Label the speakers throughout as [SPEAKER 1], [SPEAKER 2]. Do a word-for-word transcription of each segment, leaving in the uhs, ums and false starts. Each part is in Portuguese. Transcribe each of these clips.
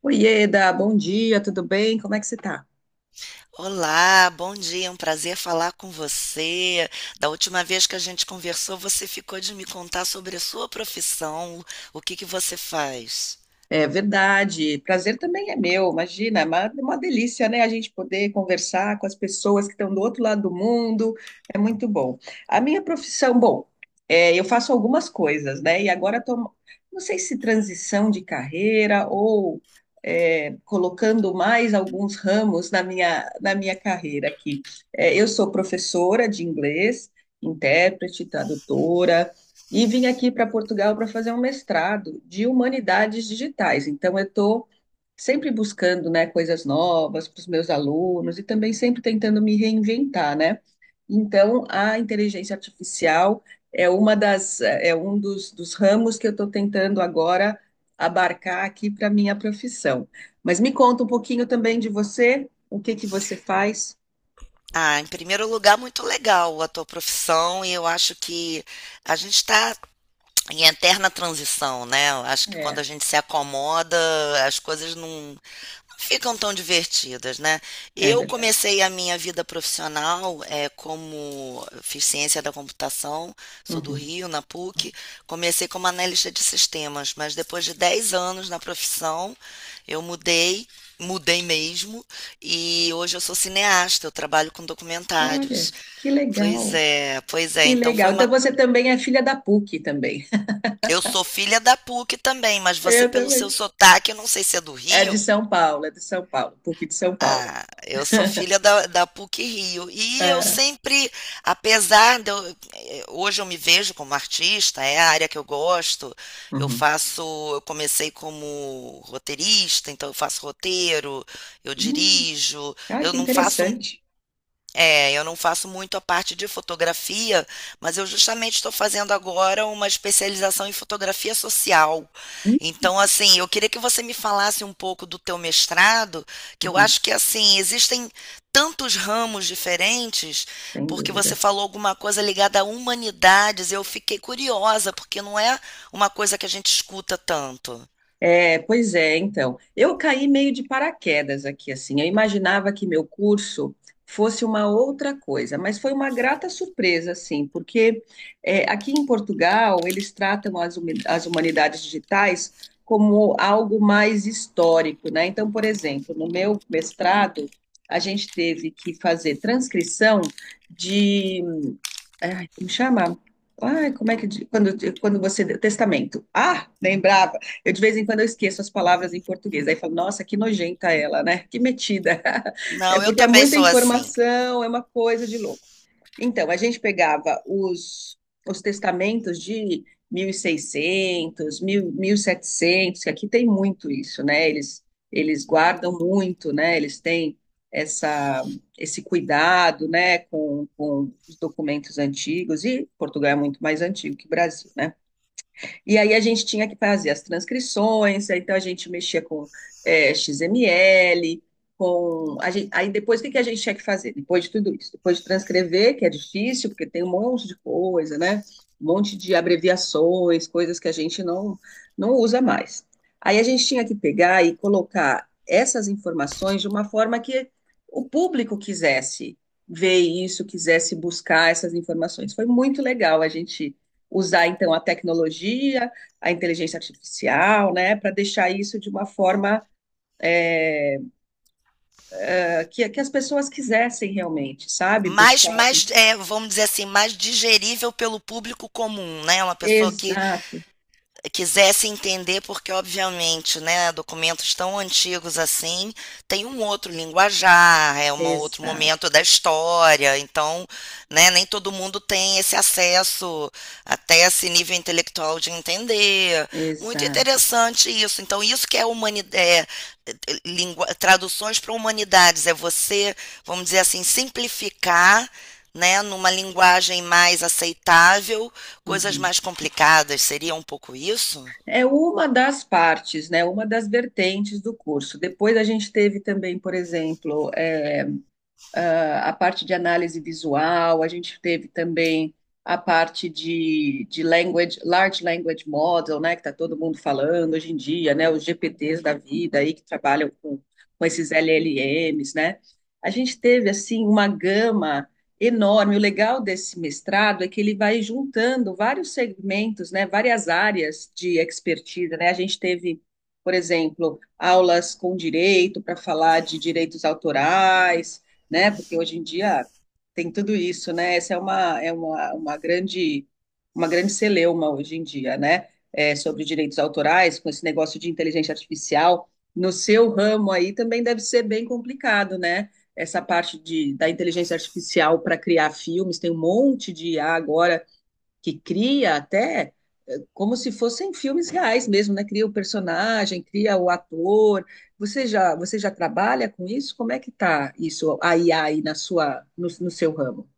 [SPEAKER 1] Oieda, bom dia, tudo bem? Como é que você tá?
[SPEAKER 2] Olá, bom dia, é um prazer falar com você. Da última vez que a gente conversou, você ficou de me contar sobre a sua profissão, o que que você faz?
[SPEAKER 1] É verdade, prazer também é meu, imagina, é uma, é uma delícia, né? A gente poder conversar com as pessoas que estão do outro lado do mundo, é muito bom. A minha profissão, bom, é, eu faço algumas coisas, né? E agora estou, não sei se transição de carreira ou é, colocando mais alguns ramos na minha, na minha carreira aqui. É, eu sou professora de inglês, intérprete, tradutora. E vim aqui para Portugal para fazer um mestrado de humanidades digitais. Então, eu estou sempre buscando, né, coisas novas para os meus alunos e também sempre tentando me reinventar, né? Então, a inteligência artificial é uma das é um dos, dos ramos que eu estou tentando agora abarcar aqui para minha profissão. Mas me conta um pouquinho também de você, o que que você faz?
[SPEAKER 2] Ah, em primeiro lugar, muito legal a tua profissão, e eu acho que a gente está em eterna transição, né? Eu acho que quando
[SPEAKER 1] É,
[SPEAKER 2] a gente se acomoda, as coisas não ficam tão divertidas, né?
[SPEAKER 1] é
[SPEAKER 2] Eu
[SPEAKER 1] verdade.
[SPEAKER 2] comecei a minha vida profissional é, como fiz ciência da computação, sou do
[SPEAKER 1] Uhum.
[SPEAKER 2] Rio, na P U C. Comecei como analista de sistemas, mas depois de dez anos na profissão, eu mudei, mudei mesmo, e hoje eu sou cineasta, eu trabalho com documentários.
[SPEAKER 1] Olha, que
[SPEAKER 2] Pois
[SPEAKER 1] legal.
[SPEAKER 2] é, pois é.
[SPEAKER 1] Que
[SPEAKER 2] Então foi
[SPEAKER 1] legal. Então
[SPEAKER 2] uma.
[SPEAKER 1] você também é filha da P U C também.
[SPEAKER 2] Eu sou filha da P U C também, mas você,
[SPEAKER 1] Eu
[SPEAKER 2] pelo seu
[SPEAKER 1] também.
[SPEAKER 2] sotaque, eu não sei se é do
[SPEAKER 1] É de
[SPEAKER 2] Rio.
[SPEAKER 1] São Paulo, é de São Paulo, P U C de São Paulo.
[SPEAKER 2] Ah, eu sou filha da, da P U C Rio. E eu
[SPEAKER 1] É.
[SPEAKER 2] sempre, apesar de eu, eh, hoje eu me vejo como artista, é a área que eu gosto. Eu
[SPEAKER 1] Uhum.
[SPEAKER 2] faço, eu comecei como roteirista, então eu faço roteiro, eu
[SPEAKER 1] Hum.
[SPEAKER 2] dirijo.
[SPEAKER 1] Ah,
[SPEAKER 2] Eu
[SPEAKER 1] que
[SPEAKER 2] não faço
[SPEAKER 1] interessante.
[SPEAKER 2] é, eu não faço muito a parte de fotografia, mas eu justamente estou fazendo agora uma especialização em fotografia social. Então, assim, eu queria que você me falasse um pouco do teu mestrado, que eu
[SPEAKER 1] Uhum,
[SPEAKER 2] acho que assim, existem tantos ramos diferentes,
[SPEAKER 1] sem
[SPEAKER 2] porque você
[SPEAKER 1] dúvida.
[SPEAKER 2] falou alguma coisa ligada a humanidades, eu fiquei curiosa, porque não é uma coisa que a gente escuta tanto.
[SPEAKER 1] É, pois é, então. Eu caí meio de paraquedas aqui, assim. Eu imaginava que meu curso fosse uma outra coisa, mas foi uma grata surpresa, assim, porque é, aqui em Portugal eles tratam as, humi- as humanidades digitais como algo mais histórico, né? Então, por exemplo, no meu mestrado, a gente teve que fazer transcrição. Ai, como chama? Ai, como é que. di- Quando, quando você. Testamento. Ah, lembrava. Eu, de vez em quando, eu esqueço as palavras em português. Aí falo, nossa, que nojenta ela, né? Que metida. É
[SPEAKER 2] Não, eu
[SPEAKER 1] porque é
[SPEAKER 2] também
[SPEAKER 1] muita
[SPEAKER 2] sou assim.
[SPEAKER 1] informação, é uma coisa de louco. Então, a gente pegava os, os testamentos de mil e seiscentos, mil 1000, setecentos. Que aqui tem muito isso, né? Eles, eles guardam muito, né? Eles têm essa esse cuidado, né, com, com os documentos antigos, e Portugal é muito mais antigo que o Brasil, né? E aí a gente tinha que fazer as transcrições, aí então a gente mexia com é, X M L, com. A gen- aí depois o que que a gente tinha que fazer? Depois de tudo isso? Depois de transcrever, que é difícil, porque tem um monte de coisa, né? Um monte de abreviações, coisas que a gente não, não usa mais. Aí a gente tinha que pegar e colocar essas informações de uma forma que o público quisesse ver isso, quisesse buscar essas informações. Foi muito legal a gente usar então a tecnologia, a inteligência artificial, né, para deixar isso de uma forma é, que, que as pessoas quisessem realmente, sabe?
[SPEAKER 2] mais,
[SPEAKER 1] Buscar.
[SPEAKER 2] mais é, vamos dizer assim, mais digerível pelo público comum, né? Uma pessoa que
[SPEAKER 1] Exato,
[SPEAKER 2] quisesse entender, porque obviamente, né, documentos tão antigos assim tem um outro linguajar, é um outro momento
[SPEAKER 1] exato,
[SPEAKER 2] da história, então, né, nem todo mundo tem esse acesso até esse nível intelectual de entender. Muito
[SPEAKER 1] exato.
[SPEAKER 2] interessante isso. Então, isso que é, humanidade, é traduções para humanidades, é você, vamos dizer assim, simplificar, né, numa linguagem mais aceitável, coisas
[SPEAKER 1] Uhum.
[SPEAKER 2] mais complicadas, seria um pouco isso?
[SPEAKER 1] É uma das partes, né? Uma das vertentes do curso. Depois a gente teve também, por exemplo, é, ah, a parte de análise visual, a gente teve também a parte de, de language, large language model, né, que está todo mundo falando hoje em dia, né, os G P Ts da vida aí que trabalham com, com esses L L Ms, né? A gente teve assim uma gama enorme. O legal desse mestrado é que ele vai juntando vários segmentos, né, várias áreas de expertise, né? A gente teve, por exemplo, aulas com direito para falar de direitos autorais, né? Porque hoje em dia tem tudo isso, né? Essa é uma, é uma, uma grande, uma grande celeuma hoje em dia, né? É, sobre direitos autorais, com esse negócio de inteligência artificial. No seu ramo aí também deve ser bem complicado, né? Essa parte de, da inteligência artificial para criar filmes, tem um monte de I A agora que cria até eh, como se fossem filmes reais mesmo, né? Cria o personagem, cria o ator. Você já, você já trabalha com isso? Como é que tá isso, a I A aí na sua, no, no seu ramo?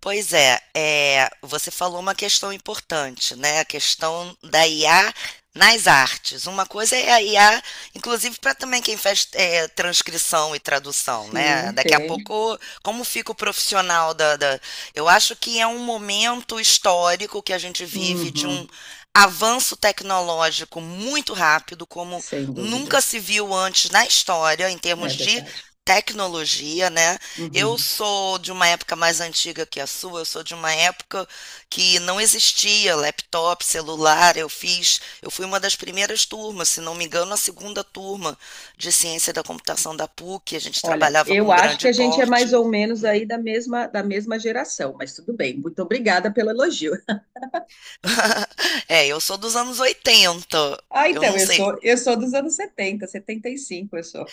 [SPEAKER 2] Pois é, é, você falou uma questão importante, né? A questão da I A nas artes. Uma coisa é a I A, inclusive para também quem faz é, transcrição e tradução, né?
[SPEAKER 1] Sim,
[SPEAKER 2] Daqui a
[SPEAKER 1] tem.
[SPEAKER 2] pouco, como fica o profissional da, da. Eu acho que é um momento histórico que a gente vive de
[SPEAKER 1] Uhum,
[SPEAKER 2] um avanço tecnológico muito rápido, como
[SPEAKER 1] sem dúvida.
[SPEAKER 2] nunca se viu antes na história, em
[SPEAKER 1] É
[SPEAKER 2] termos de
[SPEAKER 1] verdade.
[SPEAKER 2] tecnologia, né? Eu
[SPEAKER 1] Uhum.
[SPEAKER 2] sou de uma época mais antiga que a sua, eu sou de uma época que não existia laptop, celular. Eu fiz, eu fui uma das primeiras turmas, se não me engano, a segunda turma de ciência da computação da P U C. A gente
[SPEAKER 1] Olha,
[SPEAKER 2] trabalhava
[SPEAKER 1] eu
[SPEAKER 2] com
[SPEAKER 1] acho
[SPEAKER 2] grande
[SPEAKER 1] que a gente é mais
[SPEAKER 2] porte.
[SPEAKER 1] ou menos aí da mesma, da mesma geração, mas tudo bem. Muito obrigada pelo elogio.
[SPEAKER 2] É, eu sou dos anos oitenta.
[SPEAKER 1] Ah,
[SPEAKER 2] Eu
[SPEAKER 1] então,
[SPEAKER 2] não
[SPEAKER 1] eu
[SPEAKER 2] sei.
[SPEAKER 1] sou, eu sou dos anos setenta, setenta e cinco, eu sou.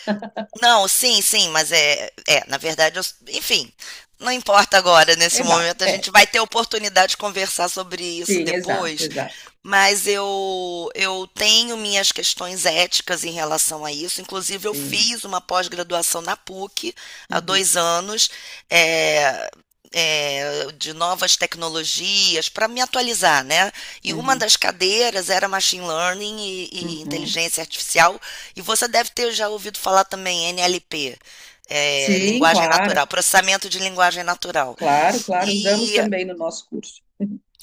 [SPEAKER 2] Não, sim, sim, mas é, é, na verdade, eu- enfim, não importa agora, nesse
[SPEAKER 1] Eva,
[SPEAKER 2] momento, a
[SPEAKER 1] é.
[SPEAKER 2] gente vai ter oportunidade de conversar sobre isso
[SPEAKER 1] Sim, exato,
[SPEAKER 2] depois,
[SPEAKER 1] exato.
[SPEAKER 2] mas eu, eu tenho minhas questões éticas em relação a isso, inclusive eu
[SPEAKER 1] Sim.
[SPEAKER 2] fiz uma pós-graduação na P U C há
[SPEAKER 1] Uhum,
[SPEAKER 2] dois anos, é, é, de novas tecnologias para me atualizar, né? E uma
[SPEAKER 1] uhum,
[SPEAKER 2] das cadeiras era machine learning e, e
[SPEAKER 1] uhum.
[SPEAKER 2] inteligência artificial, e você deve ter já ouvido falar também N L P, é,
[SPEAKER 1] Sim,
[SPEAKER 2] linguagem
[SPEAKER 1] claro,
[SPEAKER 2] natural, processamento de linguagem natural.
[SPEAKER 1] claro, claro. Usamos
[SPEAKER 2] E
[SPEAKER 1] também no nosso curso.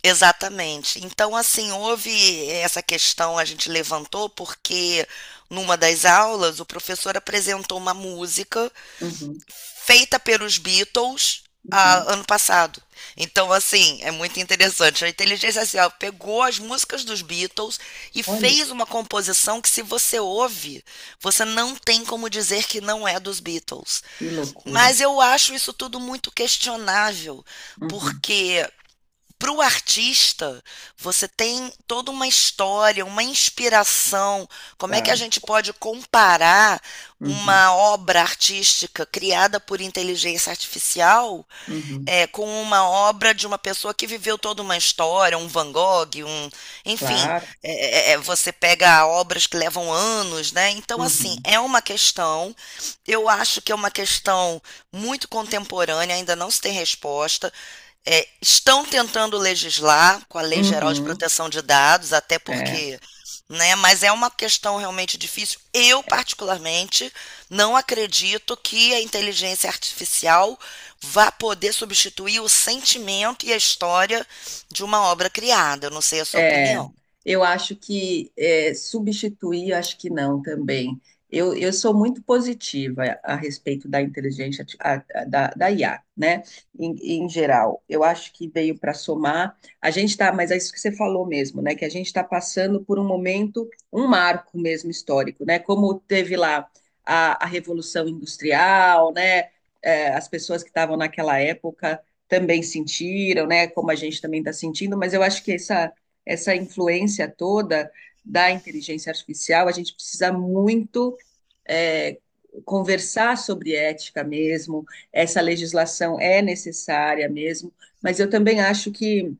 [SPEAKER 2] exatamente. Então, assim, houve essa questão, a gente levantou porque numa das aulas o professor apresentou uma música
[SPEAKER 1] Uhum,
[SPEAKER 2] feita pelos Beatles
[SPEAKER 1] uhum.
[SPEAKER 2] ah, ano passado. Então, assim, é muito interessante. A inteligência artificial pegou as músicas dos Beatles e
[SPEAKER 1] Olha,
[SPEAKER 2] fez uma composição que, se você ouve, você não tem como dizer que não é dos Beatles.
[SPEAKER 1] que loucura.
[SPEAKER 2] Mas eu acho isso tudo muito questionável,
[SPEAKER 1] Uhum,
[SPEAKER 2] porque para o artista, você tem toda uma história, uma inspiração. Como é que a
[SPEAKER 1] claro.
[SPEAKER 2] gente pode comparar
[SPEAKER 1] Uhum,
[SPEAKER 2] uma obra artística criada por inteligência artificial
[SPEAKER 1] uhum,
[SPEAKER 2] é, com uma obra de uma pessoa que viveu toda uma história, um Van Gogh, um, enfim,
[SPEAKER 1] claro.
[SPEAKER 2] é, é, é, você pega obras que levam anos, né? Então, assim,
[SPEAKER 1] Uhum,
[SPEAKER 2] é uma questão, eu acho que é uma questão muito contemporânea, ainda não se tem resposta. É, estão tentando legislar com a Lei Geral de
[SPEAKER 1] uhum.
[SPEAKER 2] Proteção de Dados, até
[SPEAKER 1] É.
[SPEAKER 2] porque né? Mas é uma questão realmente difícil. Eu, particularmente, não acredito que a inteligência artificial vá poder substituir o sentimento e a história de uma obra criada. Eu não sei a sua
[SPEAKER 1] É,
[SPEAKER 2] opinião.
[SPEAKER 1] eu acho que é, substituir, acho que não também. Eu, eu sou muito positiva a respeito da inteligência arti- a- a- da, da I A, né? Em, em geral, eu acho que veio para somar. A gente está, mas é isso que você falou mesmo, né? Que a gente está passando por um momento, um marco mesmo histórico, né? Como teve lá a, a Revolução Industrial, né? É, as pessoas que estavam naquela época também sentiram, né? Como a gente também está sentindo, mas eu acho que essa essa influência toda da inteligência artificial, a gente precisa muito é, conversar sobre ética mesmo, essa legislação é necessária mesmo, mas eu também acho que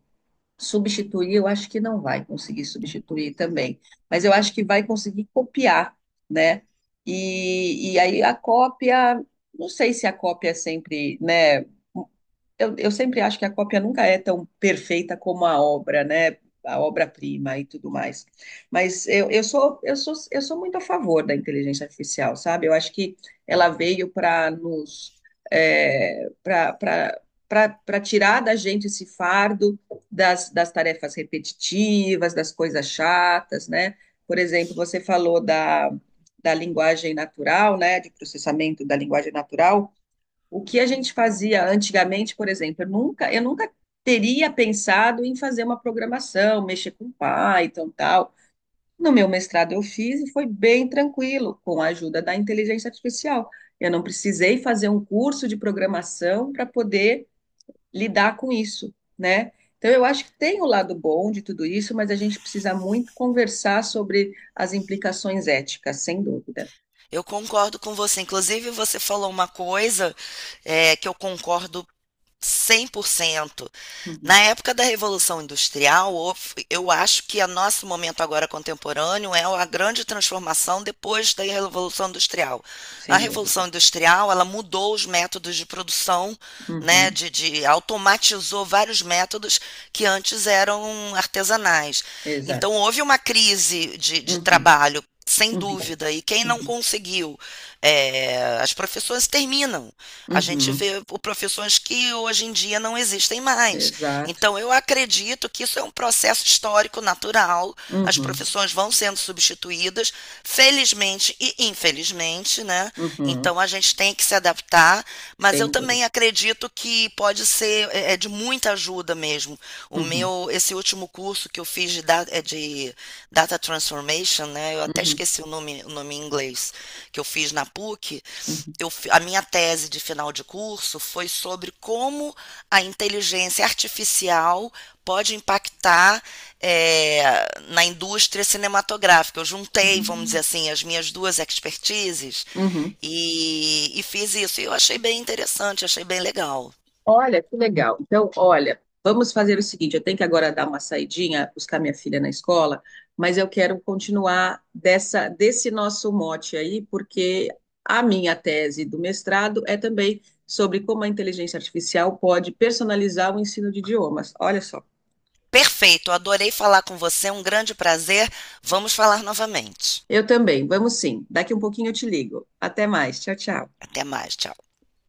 [SPEAKER 1] substituir, eu acho que não vai conseguir substituir também, mas eu acho que vai conseguir copiar, né? E, e aí a cópia, não sei se a cópia é sempre, né, eu, eu sempre acho que a cópia nunca é tão perfeita como a obra, né? A obra-prima e tudo mais. Mas eu, eu sou, eu sou, eu sou muito a favor da inteligência artificial, sabe? Eu acho que ela veio para nos, é, para para tirar da gente esse fardo das, das tarefas repetitivas, das coisas chatas, né? Por exemplo, você falou da, da linguagem natural, né? De processamento da linguagem natural. O que a gente fazia antigamente, por exemplo, eu nunca, eu nunca teria pensado em fazer uma programação, mexer com Python, tal. No meu mestrado eu fiz e foi bem tranquilo, com a ajuda da inteligência artificial. Eu não precisei fazer um curso de programação para poder lidar com isso, né? Então eu acho que tem o lado bom de tudo isso, mas a gente precisa muito conversar sobre as implicações éticas, sem dúvida.
[SPEAKER 2] Eu concordo com você. Inclusive, você falou uma coisa, eh, que eu concordo cem por cento.
[SPEAKER 1] Uhum,
[SPEAKER 2] Na época da Revolução Industrial, houve- eu acho que o nosso momento agora contemporâneo é a grande transformação depois da Revolução Industrial. A
[SPEAKER 1] sem dúvida.
[SPEAKER 2] Revolução Industrial, ela mudou os métodos de produção, né,
[SPEAKER 1] Uhum,
[SPEAKER 2] de, de- automatizou vários métodos que antes eram artesanais. Então,
[SPEAKER 1] exato.
[SPEAKER 2] houve uma crise de de
[SPEAKER 1] Uhum,
[SPEAKER 2] trabalho, sem
[SPEAKER 1] uhum,
[SPEAKER 2] dúvida, e quem não
[SPEAKER 1] uhum.
[SPEAKER 2] conseguiu, eh, as profissões terminam. A gente
[SPEAKER 1] Uhum,
[SPEAKER 2] vê o- profissões que hoje em dia não existem mais.
[SPEAKER 1] exato.
[SPEAKER 2] Então, eu acredito que isso é um processo histórico natural. As
[SPEAKER 1] Uhum,
[SPEAKER 2] profissões vão sendo substituídas, felizmente e infelizmente, né?
[SPEAKER 1] uhum,
[SPEAKER 2] Então, a gente tem que se adaptar, mas eu
[SPEAKER 1] sem
[SPEAKER 2] também
[SPEAKER 1] dúvida.
[SPEAKER 2] acredito que pode ser é, é de muita ajuda mesmo. O
[SPEAKER 1] Uhum,
[SPEAKER 2] meu, esse último curso que eu fiz de, da- é de data Data Transformation, né? Eu até
[SPEAKER 1] uhum,
[SPEAKER 2] esqueci o nome, o nome em inglês que eu fiz na P U C.
[SPEAKER 1] uhum,
[SPEAKER 2] Eu, a minha tese de final de curso foi sobre como a inteligência artificial pode impactar é, na indústria cinematográfica. Eu juntei, vamos
[SPEAKER 1] uhum.
[SPEAKER 2] dizer assim, as minhas duas expertises
[SPEAKER 1] Uhum.
[SPEAKER 2] e, e fiz isso. E eu achei bem interessante, achei bem legal.
[SPEAKER 1] Olha, que legal. Então, olha, vamos fazer o seguinte: eu tenho que agora dar uma saidinha, buscar minha filha na escola, mas eu quero continuar dessa, desse nosso mote aí, porque a minha tese do mestrado é também sobre como a inteligência artificial pode personalizar o ensino de idiomas. Olha só.
[SPEAKER 2] Perfeito, adorei falar com você, um grande prazer. Vamos falar novamente.
[SPEAKER 1] Eu também, vamos sim. Daqui um pouquinho eu te ligo. Até mais. Tchau, tchau.
[SPEAKER 2] Até mais, tchau.